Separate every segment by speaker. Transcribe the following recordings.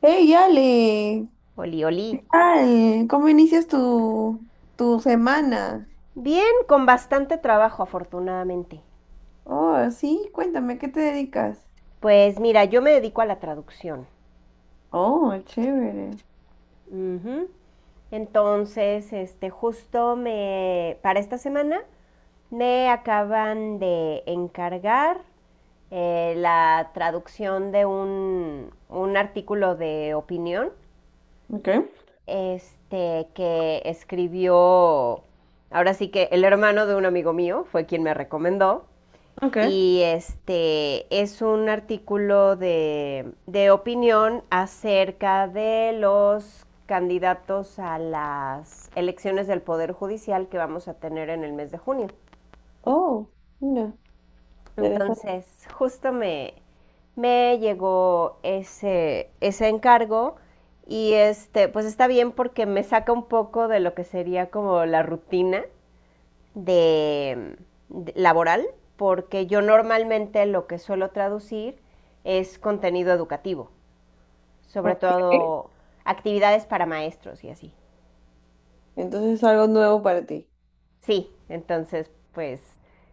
Speaker 1: Hey, Ale,
Speaker 2: Oli, oli.
Speaker 1: ¿qué tal? ¿Cómo inicias tu semana?
Speaker 2: Bien, con bastante trabajo, afortunadamente.
Speaker 1: Oh, sí, cuéntame, ¿a ¿qué te dedicas?
Speaker 2: Pues mira, yo me dedico a la traducción.
Speaker 1: Oh, chévere.
Speaker 2: Ujú. Entonces, este, para esta semana, me acaban de encargar la traducción de un artículo de opinión,
Speaker 1: Ok,
Speaker 2: este, que escribió, ahora sí que el hermano de un amigo mío fue quien me recomendó,
Speaker 1: ok.
Speaker 2: y este es un artículo de opinión acerca de los candidatos a las elecciones del Poder Judicial que vamos a tener en el mes de junio.
Speaker 1: Oh, mira, interesante.
Speaker 2: Entonces, justo me, me llegó ese encargo y este, pues está bien porque me saca un poco de lo que sería como la rutina de, de laboral, porque yo normalmente lo que suelo traducir es contenido educativo, sobre
Speaker 1: Ok,
Speaker 2: todo actividades para maestros y así.
Speaker 1: entonces es algo nuevo para ti.
Speaker 2: Sí, entonces pues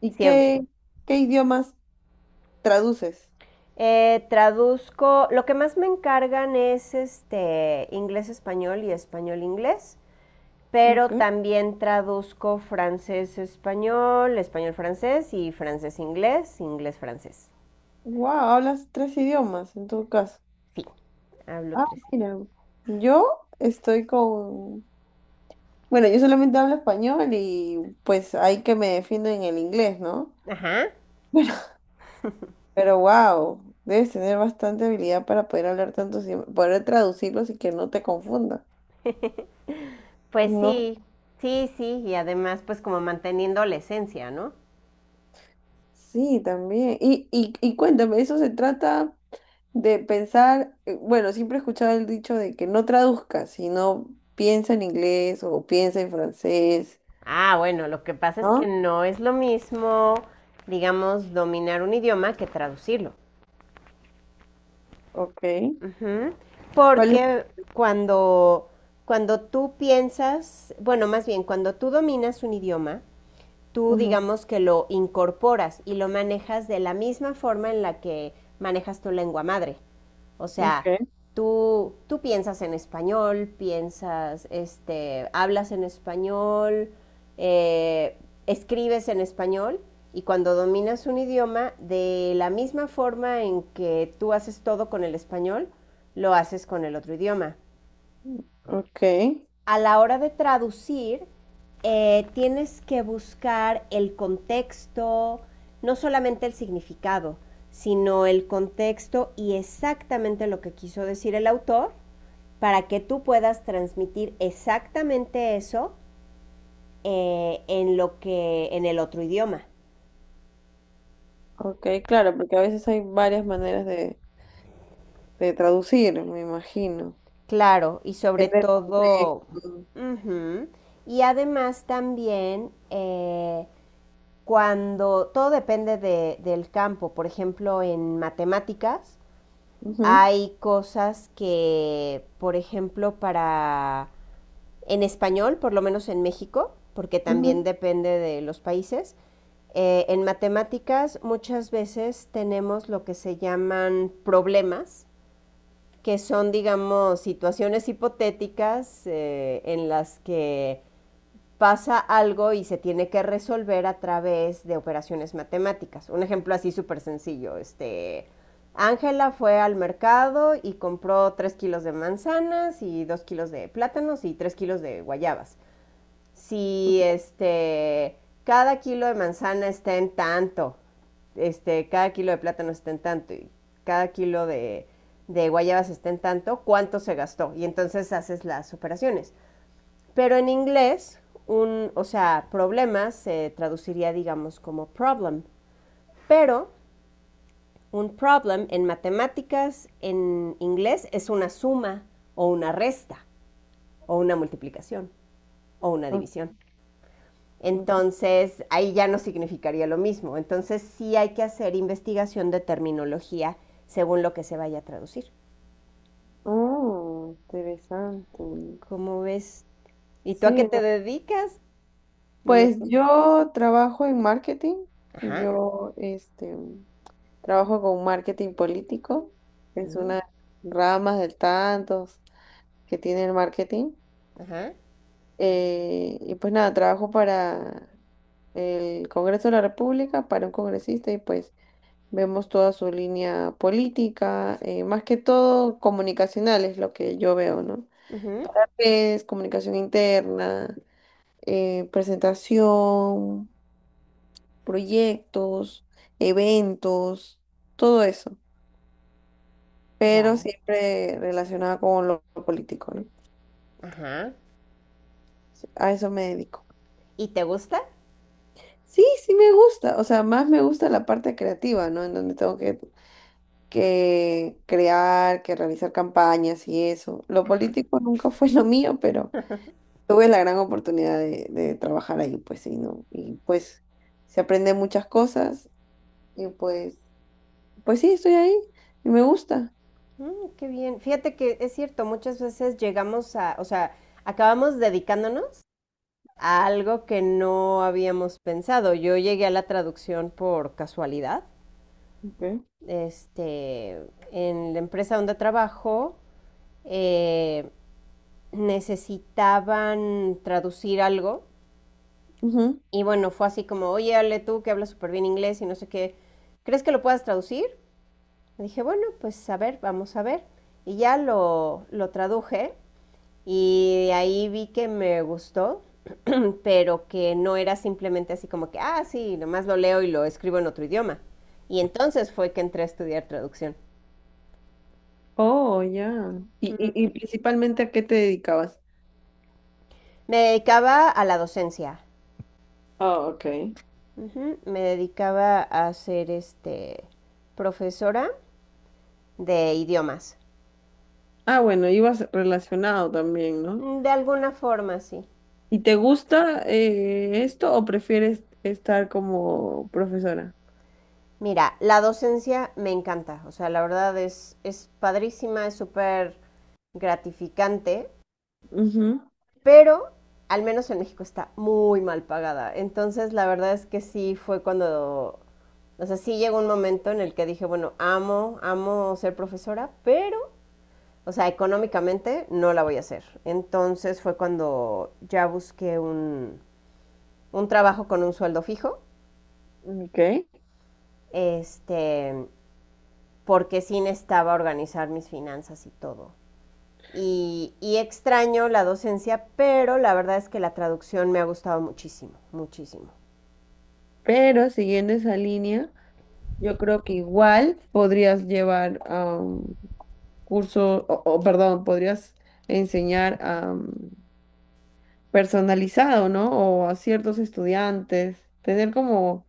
Speaker 1: ¿Y
Speaker 2: siempre.
Speaker 1: qué idiomas traduces?
Speaker 2: Traduzco, lo que más me encargan es este inglés-español y español-inglés, pero
Speaker 1: Ok.
Speaker 2: también traduzco francés-español, español-francés y francés-inglés, inglés-francés.
Speaker 1: Wow, hablas tres idiomas en tu caso.
Speaker 2: Sí, hablo
Speaker 1: Ah,
Speaker 2: tres idiomas.
Speaker 1: mira, yo estoy con... Bueno, yo solamente hablo español y pues hay que me defiendo en el inglés, ¿no?
Speaker 2: Ajá.
Speaker 1: Pero wow, debes tener bastante habilidad para poder hablar tantos idiomas, poder traducirlos y que no te confunda.
Speaker 2: Pues
Speaker 1: ¿No?
Speaker 2: sí, sí, sí, y además pues como manteniendo la esencia, ¿no?
Speaker 1: Sí, también. Y cuéntame, eso se trata de pensar, bueno, siempre he escuchado el dicho de que no traduzcas, sino piensa en inglés o piensa en francés,
Speaker 2: Ah, bueno, lo que pasa es que
Speaker 1: ¿no?
Speaker 2: no es lo mismo, digamos, dominar un idioma que traducirlo.
Speaker 1: Ok.
Speaker 2: Ujú.
Speaker 1: ¿Cuál es?
Speaker 2: Porque cuando, cuando tú piensas, bueno, más bien, cuando tú dominas un idioma, tú
Speaker 1: Ujú,
Speaker 2: digamos que lo incorporas y lo manejas de la misma forma en la que manejas tu lengua madre. O
Speaker 1: ok,
Speaker 2: sea, tú piensas en español, piensas, este, hablas en español, eh, escribes en español y cuando dominas un idioma, de la misma forma en que tú haces todo con el español, lo haces con el otro idioma
Speaker 1: ok,
Speaker 2: a la hora de traducir. Tienes que buscar el contexto, no solamente el significado, sino el contexto y exactamente lo que quiso decir el autor para que tú puedas transmitir exactamente eso en lo que en el otro idioma.
Speaker 1: ok, claro, porque a veces hay varias maneras de traducir, me imagino.
Speaker 2: Claro, y sobre
Speaker 1: Depende del
Speaker 2: todo,
Speaker 1: contexto.
Speaker 2: ujú, y además también cuando todo depende de, del campo, por ejemplo, en matemáticas
Speaker 1: Ujú,
Speaker 2: hay cosas que, por ejemplo, para en español, por lo menos en México, porque
Speaker 1: ujú.
Speaker 2: también depende de los países, en matemáticas muchas veces tenemos lo que se llaman problemas, que son, digamos, situaciones hipotéticas en las que pasa algo y se tiene que resolver a través de operaciones matemáticas. Un ejemplo así súper sencillo, este, Ángela fue al mercado y compró 3 kilos de manzanas y 2 kilos de plátanos y 3 kilos de guayabas. Si este, cada kilo de manzana está en tanto, este, cada kilo de plátano está en tanto y cada kilo de guayabas está en tanto, ¿cuánto se gastó? Y entonces haces las operaciones. Pero en inglés, o sea, problemas se traduciría, digamos, como problem. Pero un problem en matemáticas, en inglés, es una suma o una resta o una multiplicación o una
Speaker 1: Ok,
Speaker 2: división.
Speaker 1: ok.
Speaker 2: Entonces, ahí ya no significaría lo mismo. Entonces, sí hay que hacer investigación de terminología según lo que se vaya a traducir.
Speaker 1: Oh, interesante.
Speaker 2: ¿Cómo ves? ¿Y tú a qué
Speaker 1: Sí,
Speaker 2: te
Speaker 1: no,
Speaker 2: dedicas? No me has
Speaker 1: pues
Speaker 2: contado.
Speaker 1: yo trabajo en marketing.
Speaker 2: Ajá.
Speaker 1: Yo trabajo con marketing político. Es
Speaker 2: Mm.
Speaker 1: una rama de tantos que tiene el marketing.
Speaker 2: Ajá.
Speaker 1: Y pues nada, trabajo para el Congreso de la República, para un congresista y pues vemos toda su línea política, más que todo comunicacional es lo que yo veo, ¿no?
Speaker 2: Uh-huh.
Speaker 1: Pues, comunicación interna, presentación, proyectos, eventos, todo eso, pero
Speaker 2: Wow.
Speaker 1: siempre relacionada con lo político, ¿no?
Speaker 2: Ajá.
Speaker 1: A eso me dedico.
Speaker 2: ¿Y te gusta?
Speaker 1: Sí, sí me gusta, o sea, más me gusta la parte creativa, ¿no? En donde tengo que crear, que realizar campañas y eso. Lo político nunca fue lo mío, pero tuve la gran oportunidad de trabajar ahí, pues sí, ¿no? Y pues se aprende muchas cosas. Y pues sí, estoy ahí y me gusta.
Speaker 2: Mm, qué bien. Fíjate que es cierto, muchas veces llegamos a, o sea, acabamos dedicándonos a algo que no habíamos pensado. Yo llegué a la traducción por casualidad.
Speaker 1: Ok.
Speaker 2: Este, en la empresa donde trabajo, eh, necesitaban traducir algo.
Speaker 1: Ujú.
Speaker 2: Y bueno, fue así como, oye, Ale, tú que hablas súper bien inglés y no sé qué, ¿crees que lo puedas traducir? Dije, bueno, pues a ver, vamos a ver. Y ya lo traduje y ahí vi que me gustó, pero que no era simplemente así como que, ah, sí, nomás lo leo y lo escribo en otro idioma. Y entonces fue que entré a estudiar traducción.
Speaker 1: Oh, ya. Y
Speaker 2: Ujú.
Speaker 1: principalmente, ¿a qué te dedicabas?
Speaker 2: Me dedicaba a la docencia.
Speaker 1: Ah, ok.
Speaker 2: Ujú. Me dedicaba a ser este profesora de idiomas.
Speaker 1: Ah, bueno, ibas relacionado también, ¿no?
Speaker 2: Mm, de alguna forma, sí.
Speaker 1: ¿Y te gusta esto o prefieres estar como profesora?
Speaker 2: Mira, la docencia me encanta, o sea, la verdad es padrísima, es súper gratificante,
Speaker 1: Ujú,
Speaker 2: pero al menos en México está muy mal pagada. Entonces, la verdad es que sí fue cuando, o sea, sí llegó un momento en el que dije, bueno, amo, amo ser profesora, pero, o sea, económicamente no la voy a hacer. Entonces fue cuando ya busqué un trabajo con un sueldo fijo,
Speaker 1: ok.
Speaker 2: este, porque sí necesitaba organizar mis finanzas y todo. Y, y extraño la docencia, pero la verdad es que la traducción me ha gustado muchísimo, muchísimo.
Speaker 1: Pero siguiendo esa línea, yo creo que igual podrías llevar a un curso, o, perdón, podrías enseñar a personalizado, ¿no? O a ciertos estudiantes, tener como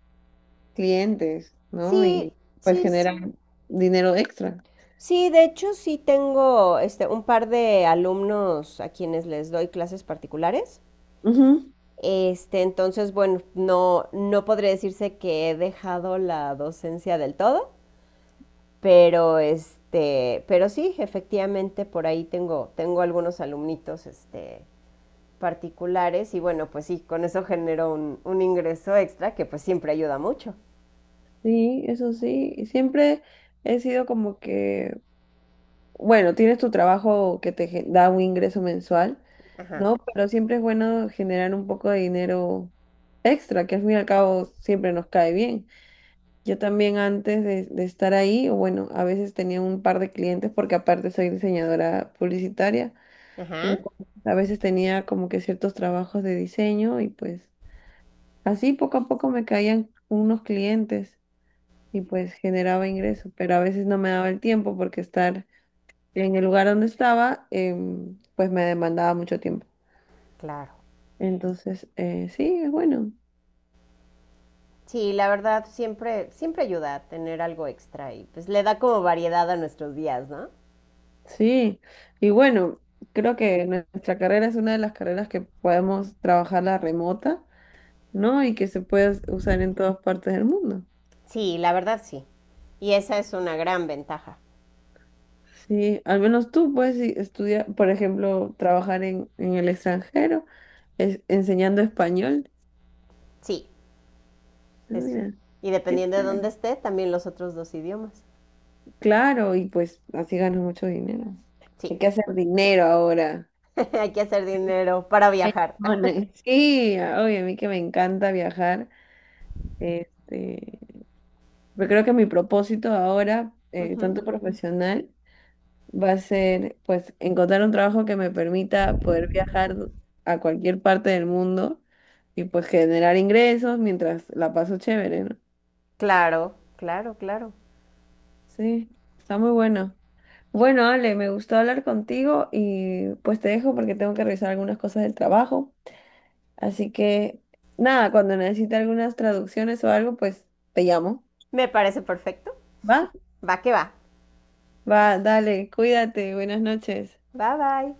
Speaker 1: clientes, ¿no?
Speaker 2: Sí,
Speaker 1: Y pues
Speaker 2: sí,
Speaker 1: generar
Speaker 2: sí.
Speaker 1: dinero extra.
Speaker 2: Sí, de hecho sí tengo este, un par de alumnos a quienes les doy clases particulares.
Speaker 1: Ujú,
Speaker 2: Este, entonces, bueno, no, no podría decirse que he dejado la docencia del todo, pero este, pero sí, efectivamente por ahí tengo, tengo algunos alumnitos, este, particulares y bueno, pues sí, con eso generó un ingreso extra que pues siempre ayuda mucho.
Speaker 1: sí, eso sí. Y siempre he sido como que, bueno, tienes tu trabajo que te da un ingreso mensual,
Speaker 2: Ajá,
Speaker 1: ¿no? Pero siempre es bueno generar un poco de dinero extra, que al fin y al cabo siempre nos cae bien. Yo también antes de estar ahí, o bueno, a veces tenía un par de clientes porque aparte soy diseñadora publicitaria.
Speaker 2: ajá.
Speaker 1: Entonces, a veces tenía como que ciertos trabajos de diseño y pues así poco a poco me caían unos clientes y pues generaba ingreso, pero a veces no me daba el tiempo porque estar en el lugar donde estaba pues me demandaba mucho tiempo.
Speaker 2: Claro.
Speaker 1: Entonces, sí, es bueno.
Speaker 2: Sí, la verdad, siempre, siempre ayuda a tener algo extra y pues le da como variedad a nuestros días, ¿no?
Speaker 1: Sí, y bueno, creo que nuestra carrera es una de las carreras que podemos trabajarla remota, ¿no? Y que se puede usar en todas partes del mundo.
Speaker 2: Sí, la verdad sí. Y esa es una gran ventaja.
Speaker 1: Sí, al menos tú puedes estudiar, por ejemplo, trabajar en el extranjero, enseñando español.
Speaker 2: Sí,
Speaker 1: Ah,
Speaker 2: Es-
Speaker 1: mira,
Speaker 2: y
Speaker 1: qué
Speaker 2: dependiendo de dónde
Speaker 1: chévere.
Speaker 2: esté, también los otros dos idiomas.
Speaker 1: Claro, y pues así ganas mucho dinero.
Speaker 2: Sí.
Speaker 1: Hay que hacer dinero ahora.
Speaker 2: Hay que hacer dinero para viajar.
Speaker 1: Bueno, sí, oye, a mí que me encanta viajar, este, pero creo que mi propósito ahora,
Speaker 2: Ujú.
Speaker 1: tanto profesional va a ser pues encontrar un trabajo que me permita poder viajar a cualquier parte del mundo y pues generar ingresos mientras la paso chévere, ¿no?
Speaker 2: Claro, claro, claro.
Speaker 1: Sí, está muy bueno. Bueno, Ale, me gustó hablar contigo y pues te dejo porque tengo que revisar algunas cosas del trabajo. Así que nada, cuando necesite algunas traducciones o algo, pues te llamo.
Speaker 2: Me parece perfecto.
Speaker 1: ¿Va?
Speaker 2: Va que va.
Speaker 1: Va, dale, cuídate, buenas noches.
Speaker 2: Bye bye.